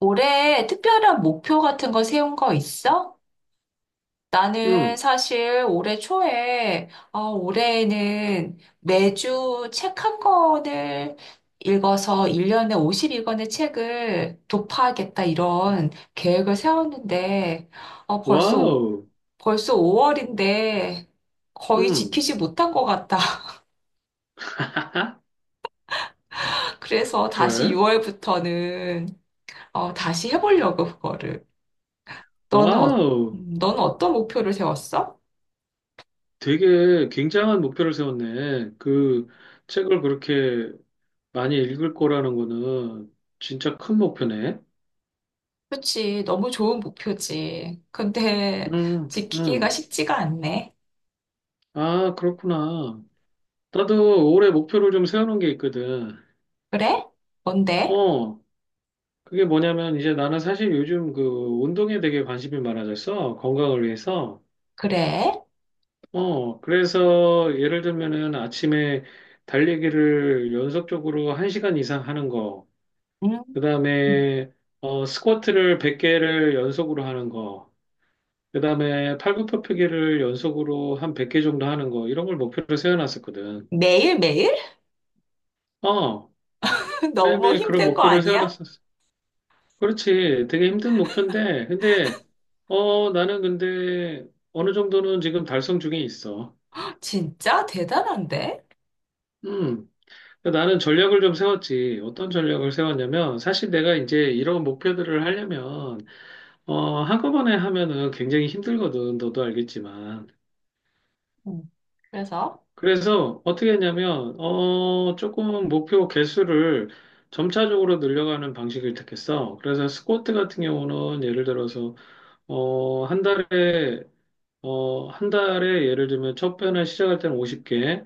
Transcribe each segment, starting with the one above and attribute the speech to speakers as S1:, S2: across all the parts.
S1: 올해 특별한 목표 같은 거 세운 거 있어? 나는
S2: 응,
S1: 사실 올해 초에, 올해에는 매주 책 한 권을 읽어서 1년에 50권의 책을 도파하겠다 이런 계획을 세웠는데, 어, 벌써, 오-
S2: 와우.
S1: 벌써 5월인데 거의
S2: 응,
S1: 지키지 못한 것 같다. 그래서 다시
S2: 그래?
S1: 6월부터는, 다시 해보려고 그거를. 너는 어,
S2: 와우.
S1: 너는 어떤 목표를 세웠어?
S2: 되게 굉장한 목표를 세웠네. 그 책을 그렇게 많이 읽을 거라는 거는 진짜 큰 목표네.
S1: 그치. 너무 좋은 목표지. 근데
S2: 응,
S1: 지키기가
S2: 응.
S1: 쉽지가 않네.
S2: 아, 그렇구나. 나도 올해 목표를 좀 세워놓은 게 있거든.
S1: 그래? 뭔데?
S2: 어, 그게 뭐냐면 이제 나는 사실 요즘 그 운동에 되게 관심이 많아졌어. 건강을 위해서.
S1: 그래?
S2: 그래서 예를 들면은 아침에 달리기를 연속적으로 1시간 이상 하는 거,
S1: 음.
S2: 그 다음에 스쿼트를 100개를 연속으로 하는 거, 그 다음에 팔굽혀펴기를 연속으로 한 100개 정도 하는 거, 이런 걸 목표로 세워놨었거든.
S1: 매일매일?
S2: 어,
S1: 너무
S2: 매일매일 그런
S1: 힘든 거
S2: 목표를
S1: 아니야?
S2: 세워놨었어. 그렇지. 되게 힘든 목표인데, 근데, 나는 근데 어느 정도는 지금 달성 중에 있어.
S1: 진짜 대단한데?
S2: 음. 그러니까 나는 전략을 좀 세웠지. 어떤 전략을 세웠냐면, 사실 내가 이제 이런 목표들을 하려면, 한꺼번에 하면은 굉장히 힘들거든. 너도 알겠지만.
S1: 음. 그래서
S2: 그래서 어떻게 했냐면, 조금 목표 개수를 점차적으로 늘려가는 방식을 택했어. 그래서 스쿼트 같은 경우는 예를 들어서, 어, 한 달에 한 달에 예를 들면 첫 편을 시작할 때는 50개,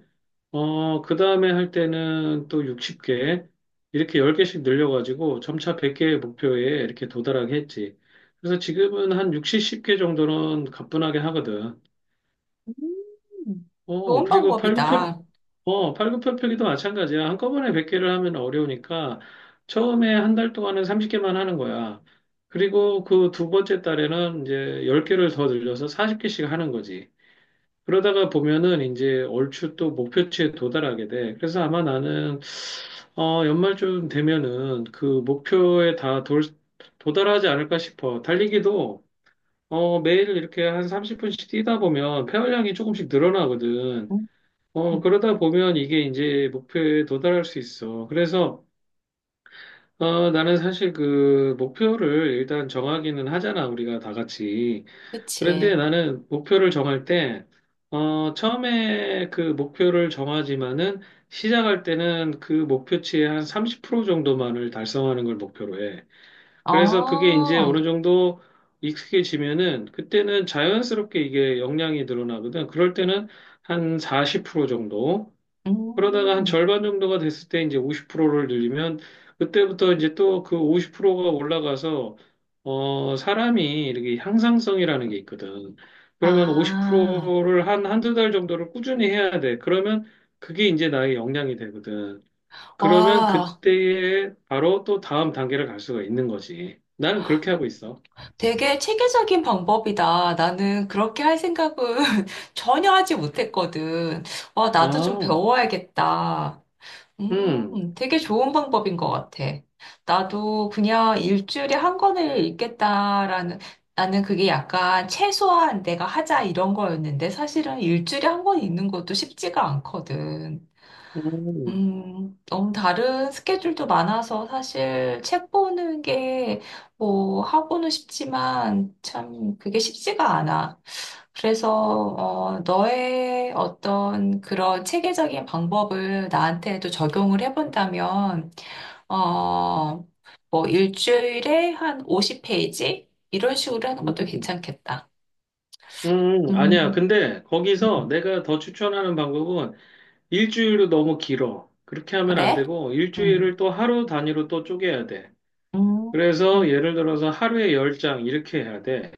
S2: 그 다음에 할 때는 또 60개, 이렇게 10개씩 늘려가지고 점차 100개의 목표에 이렇게 도달하게 했지. 그래서 지금은 한 60, 1 0개 정도는 가뿐하게 하거든.
S1: 음, 좋은
S2: 그리고
S1: 방법이다.
S2: 팔굽혀펴기도 마찬가지야. 한꺼번에 100개를 하면 어려우니까 처음에 한 달 동안은 30개만 하는 거야. 그리고 그 두 번째 달에는 이제 10개를 더 늘려서 40개씩 하는 거지. 그러다가 보면은 이제 얼추 또 목표치에 도달하게 돼. 그래서 아마 나는 연말쯤 되면은 그 목표에 다 도달하지 않을까 싶어. 달리기도 매일 이렇게 한 30분씩 뛰다 보면 폐활량이 조금씩 늘어나거든.
S1: 음.
S2: 그러다 보면 이게 이제 목표에 도달할 수 있어. 그래서 나는 사실 그 목표를 일단 정하기는 하잖아. 우리가 다 같이. 그런데
S1: 그치.
S2: 나는 목표를 정할 때, 처음에 그 목표를 정하지만은 시작할 때는 그 목표치의 한 30% 정도만을 달성하는 걸 목표로 해. 그래서 그게 이제
S1: 아,
S2: 어느 정도 익숙해지면은 그때는 자연스럽게 이게 역량이 늘어나거든. 그럴 때는 한 40% 정도. 그러다가 한
S1: 음.
S2: 절반 정도가 됐을 때 이제 50%를 늘리면 그때부터 이제 또 그 50%가 올라가서 사람이 이렇게 향상성이라는 게 있거든. 그러면
S1: 아,
S2: 50%를 한 한두 달 정도를 꾸준히 해야 돼. 그러면 그게 이제 나의 역량이 되거든. 그러면
S1: 와,
S2: 그때에 바로 또 다음 단계를 갈 수가 있는 거지. 나는 그렇게 하고 있어.
S1: 되게 체계적인 방법이다. 나는 그렇게 할 생각은 전혀 하지 못했거든. 와, 나도 좀
S2: 아,
S1: 배워야겠다.
S2: 음,
S1: 되게 좋은 방법인 것 같아. 나도 그냥 일주일에 한 권을 읽겠다라는, 나는 그게 약간 최소한 내가 하자 이런 거였는데 사실은 일주일에 한 권 읽는 것도 쉽지가 않거든.
S2: 음,
S1: 너무 다른 스케줄도 많아서 사실 책 보는 게 뭐 하고는 싶지만 참 그게 쉽지가 않아. 그래서 너의 어떤 그런 체계적인 방법을 나한테도 적용을 해본다면 어, 뭐 일주일에 한 50페이지 이런 식으로 하는 것도
S2: 음,
S1: 괜찮겠다.
S2: 아니야.
S1: 음,
S2: 근데 거기서
S1: 음,
S2: 내가 더 추천하는 방법은 일주일도 너무 길어. 그렇게 하면 안
S1: 그래?
S2: 되고,
S1: 음,
S2: 일주일을 또 하루 단위로 또 쪼개야 돼.
S1: 음,
S2: 그래서 예를 들어서 하루에 10장 이렇게 해야 돼.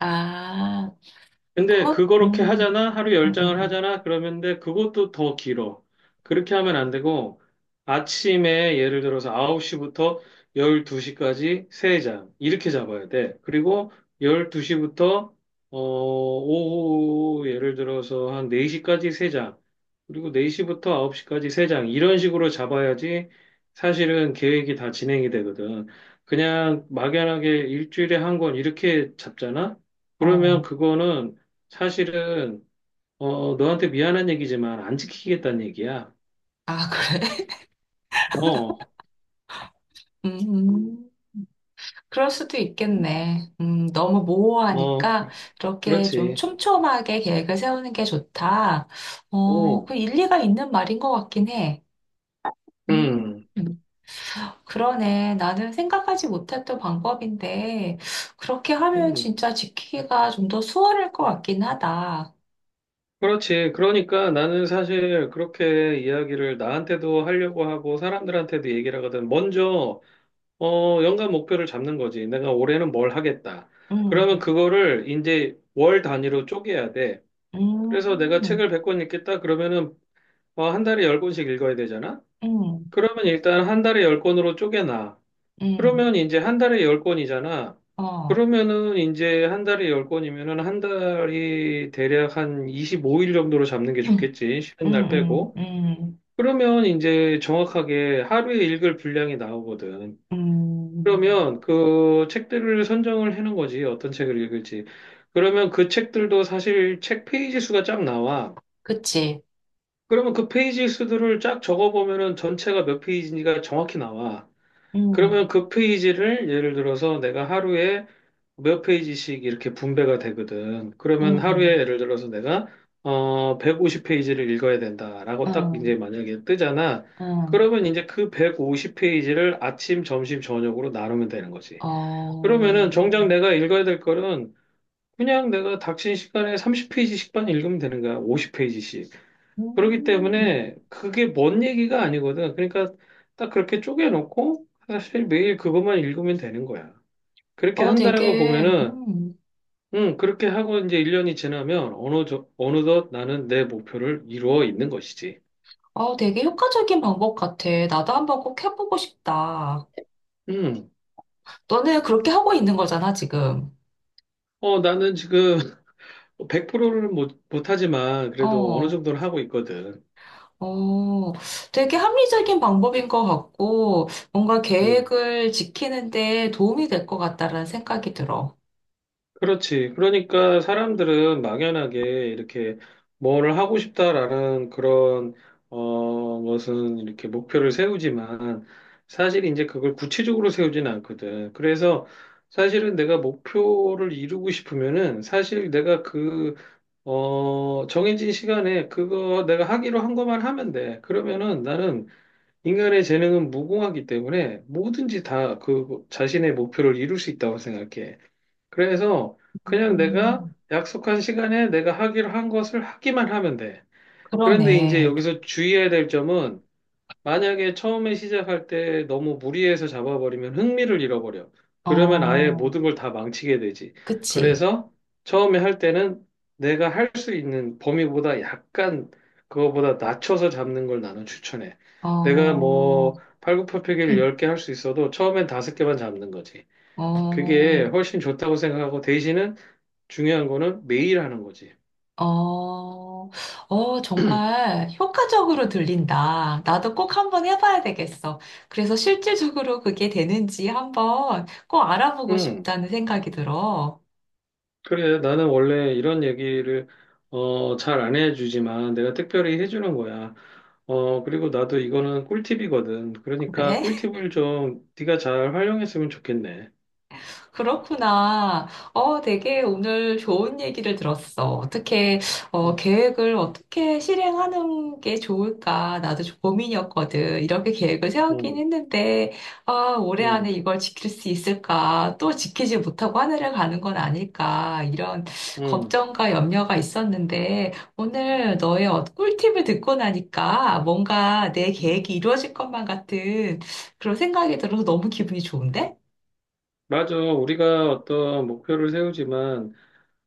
S1: 아.
S2: 근데
S1: 그것,
S2: 그렇게
S1: 음,
S2: 하잖아? 하루에
S1: 음, 음,
S2: 10장을
S1: 음.
S2: 하잖아? 그러면데 그것도 더 길어. 그렇게 하면 안 되고 아침에 예를 들어서 9시부터 12시까지 3장 이렇게 잡아야 돼. 그리고 12시부터 오후 예를 들어서 한 4시까지 3장 그리고 4시부터 9시까지 3장 이런 식으로 잡아야지 사실은 계획이 다 진행이 되거든. 그냥 막연하게 일주일에 한 권 이렇게 잡잖아? 그러면
S1: 어.
S2: 그거는 사실은 너한테 미안한 얘기지만 안 지키겠다는 얘기야.
S1: 아, 그래?
S2: 어,
S1: 음, 그럴 수도 있겠네. 너무
S2: 어,
S1: 모호하니까
S2: 그,
S1: 그렇게 좀
S2: 그렇지.
S1: 촘촘하게 계획을 세우는 게 좋다.
S2: 어,
S1: 그 일리가 있는 말인 것 같긴 해. 음,
S2: 음,
S1: 그러네. 나는 생각하지 못했던 방법인데, 그렇게 하면
S2: 음,
S1: 진짜 지키기가 좀 더 수월할 것 같긴 하다.
S2: 그렇지. 그러니까 나는 사실 그렇게 이야기를 나한테도 하려고 하고 사람들한테도 얘기를 하거든. 먼저 연간 목표를 잡는 거지. 내가 올해는 뭘 하겠다. 그러면
S1: 음,
S2: 그거를 이제 월 단위로 쪼개야 돼. 그래서 내가
S1: 음,
S2: 책을 100권 읽겠다. 그러면은 한 달에 10권씩 읽어야 되잖아.
S1: 음,
S2: 그러면 일단 한 달에 10권으로 쪼개놔.
S1: 음,
S2: 그러면 이제 한 달에 10건이잖아
S1: 어.
S2: 그러면은 이제 한 달에 열건이면은한 달이 대략 한 25일 정도로 잡는 게
S1: 음,
S2: 좋겠지. 쉬는 날
S1: 음,
S2: 빼고.
S1: 음.
S2: 그러면 이제 정확하게 하루에 읽을 분량이 나오거든.
S1: 음,
S2: 그러면 그 책들을 선정을 해놓은 거지. 어떤 책을 읽을지. 그러면 그 책들도 사실 책 페이지 수가 쫙 나와.
S1: 그치.
S2: 그러면 그 페이지 수들을 쫙 적어보면은 전체가 몇 페이지인지가 정확히 나와.
S1: 음,
S2: 그러면 그 페이지를 예를 들어서 내가 하루에 몇 페이지씩 이렇게 분배가 되거든. 그러면
S1: 음,
S2: 하루에
S1: 음,
S2: 예를 들어서 내가 150페이지를 읽어야 된다라고 딱 이제
S1: 음,
S2: 만약에 뜨잖아.
S1: 음.
S2: 그러면 이제 그 150페이지를 아침, 점심, 저녁으로 나누면 되는 거지. 그러면은
S1: 어,
S2: 정작 내가 읽어야 될 거는 그냥 내가 닥친 시간에 30페이지씩만 읽으면 되는 거야. 50페이지씩. 그렇기
S1: 음,
S2: 때문에 그게 먼 얘기가 아니거든. 그러니까 딱 그렇게 쪼개놓고 사실 매일 그것만 읽으면 되는 거야. 그렇게
S1: 어,
S2: 한다라고
S1: 되게,
S2: 보면은,
S1: 음,
S2: 그렇게 하고 이제 1년이 지나면 어느덧 나는 내 목표를 이루어 있는 것이지.
S1: 되게 효과적인 방법 같아. 나도 한번 꼭 해보고 싶다.
S2: 음
S1: 너는 그렇게 하고 있는 거잖아, 지금.
S2: 나는 지금 100%는 못, 못하지만 그래도 어느
S1: 어,
S2: 정도는 하고 있거든.
S1: 어, 되게 합리적인 방법인 것 같고, 뭔가
S2: 음.
S1: 계획을 지키는데 도움이 될 것 같다라는 생각이 들어.
S2: 그렇지. 그러니까 사람들은 막연하게 이렇게 뭐를 하고 싶다라는 그런, 무슨 이렇게 목표를 세우지만 사실 이제 그걸 구체적으로 세우지는 않거든. 그래서 사실은 내가 목표를 이루고 싶으면은 사실 내가 정해진 시간에 그거 내가 하기로 한 것만 하면 돼. 그러면은 나는 인간의 재능은 무궁하기 때문에 뭐든지 다 그 자신의 목표를 이룰 수 있다고 생각해. 그래서 그냥 내가
S1: 음,
S2: 약속한 시간에 내가 하기로 한 것을 하기만 하면 돼. 그런데 이제
S1: 그러네.
S2: 여기서 주의해야 될 점은 만약에 처음에 시작할 때 너무 무리해서 잡아버리면 흥미를 잃어버려. 그러면 아예
S1: 어,
S2: 모든 걸 다 망치게 되지.
S1: 그치.
S2: 그래서 처음에 할 때는 내가 할 수 있는 범위보다 약간 그거보다 낮춰서 잡는 걸 나는 추천해. 내가
S1: 어,
S2: 뭐 팔굽혀펴기를 10개 할 수 있어도 처음엔 5개만 잡는 거지.
S1: 어,
S2: 그게 훨씬 좋다고 생각하고 대신은 중요한 거는 매일 하는 거지.
S1: 어, 정말 효과적으로 들린다. 나도 꼭 한번 해봐야 되겠어. 그래서 실질적으로 그게 되는지 한번 꼭 알아보고
S2: 음,
S1: 싶다는 생각이 들어.
S2: 그래. 나는 원래 이런 얘기를 잘 안 해주지만 내가 특별히 해주는 거야. 그리고 나도 이거는 꿀팁이거든. 그러니까
S1: 그래?
S2: 꿀팁을 좀 네가 잘 활용했으면 좋겠네.
S1: 그렇구나. 되게 오늘 좋은 얘기를 들었어.
S2: 응
S1: 계획을 어떻게 실행하는 게 좋을까? 나도 좀 고민이었거든. 이렇게 계획을
S2: 응
S1: 세우긴 했는데, 아, 올해 안에
S2: 응
S1: 이걸 지킬 수 있을까? 또 지키지 못하고 하늘을 가는 건 아닐까? 이런 걱정과 염려가 있었는데, 오늘 너의 꿀팁을 듣고 나니까 뭔가 내
S2: 응
S1: 계획이 이루어질 것만 같은 그런 생각이 들어서 너무 기분이 좋은데?
S2: 맞아. 우리가 어떤 목표를 세우지만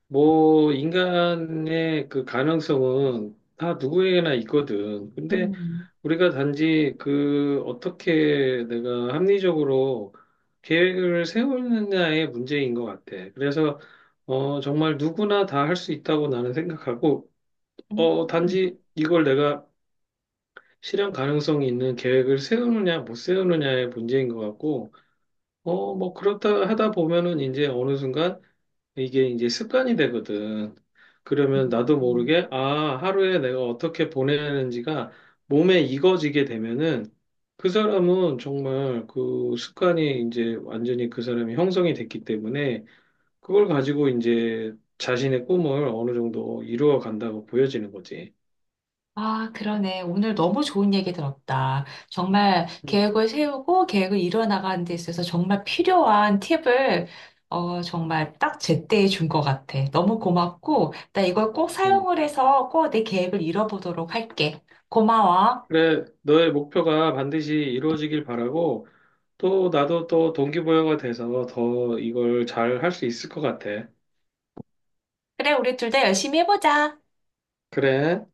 S2: 뭐, 인간의 그 가능성은 다 누구에게나 있거든. 근데
S1: 음.
S2: 우리가 단지 그 어떻게 내가 합리적으로 계획을 세우느냐의 문제인 것 같아. 그래서, 정말 누구나 다 할 수 있다고 나는 생각하고,
S1: 음,
S2: 단지 이걸 내가 실현 가능성이 있는 계획을 세우느냐, 못 세우느냐의 문제인 것 같고, 뭐, 그렇다 하다 보면은 이제 어느 순간 이게 이제 습관이 되거든. 그러면 나도
S1: 음.
S2: 모르게, 아, 하루에 내가 어떻게 보내는지가 몸에 익어지게 되면은 그 사람은 정말 그 습관이 이제 완전히 그 사람이 형성이 됐기 때문에 그걸 가지고 이제 자신의 꿈을 어느 정도 이루어 간다고 보여지는 거지.
S1: 아, 그러네. 오늘 너무 좋은 얘기 들었다. 정말
S2: 음,
S1: 계획을 세우고 계획을 이뤄나가는 데 있어서 정말 필요한 팁을 정말 딱 제때 에 준 것 같아. 너무 고맙고, 나 이걸 꼭
S2: 음.
S1: 사용을 해서 꼭 내 계획을 이뤄보도록 할게. 고마워.
S2: 그래, 너의 목표가 반드시 이루어지길 바라고 또 나도 또 동기부여가 돼서 더 이걸 잘 할 수 있을 것 같아.
S1: 그래, 우리 둘 다 열심히 해보자.
S2: 그래.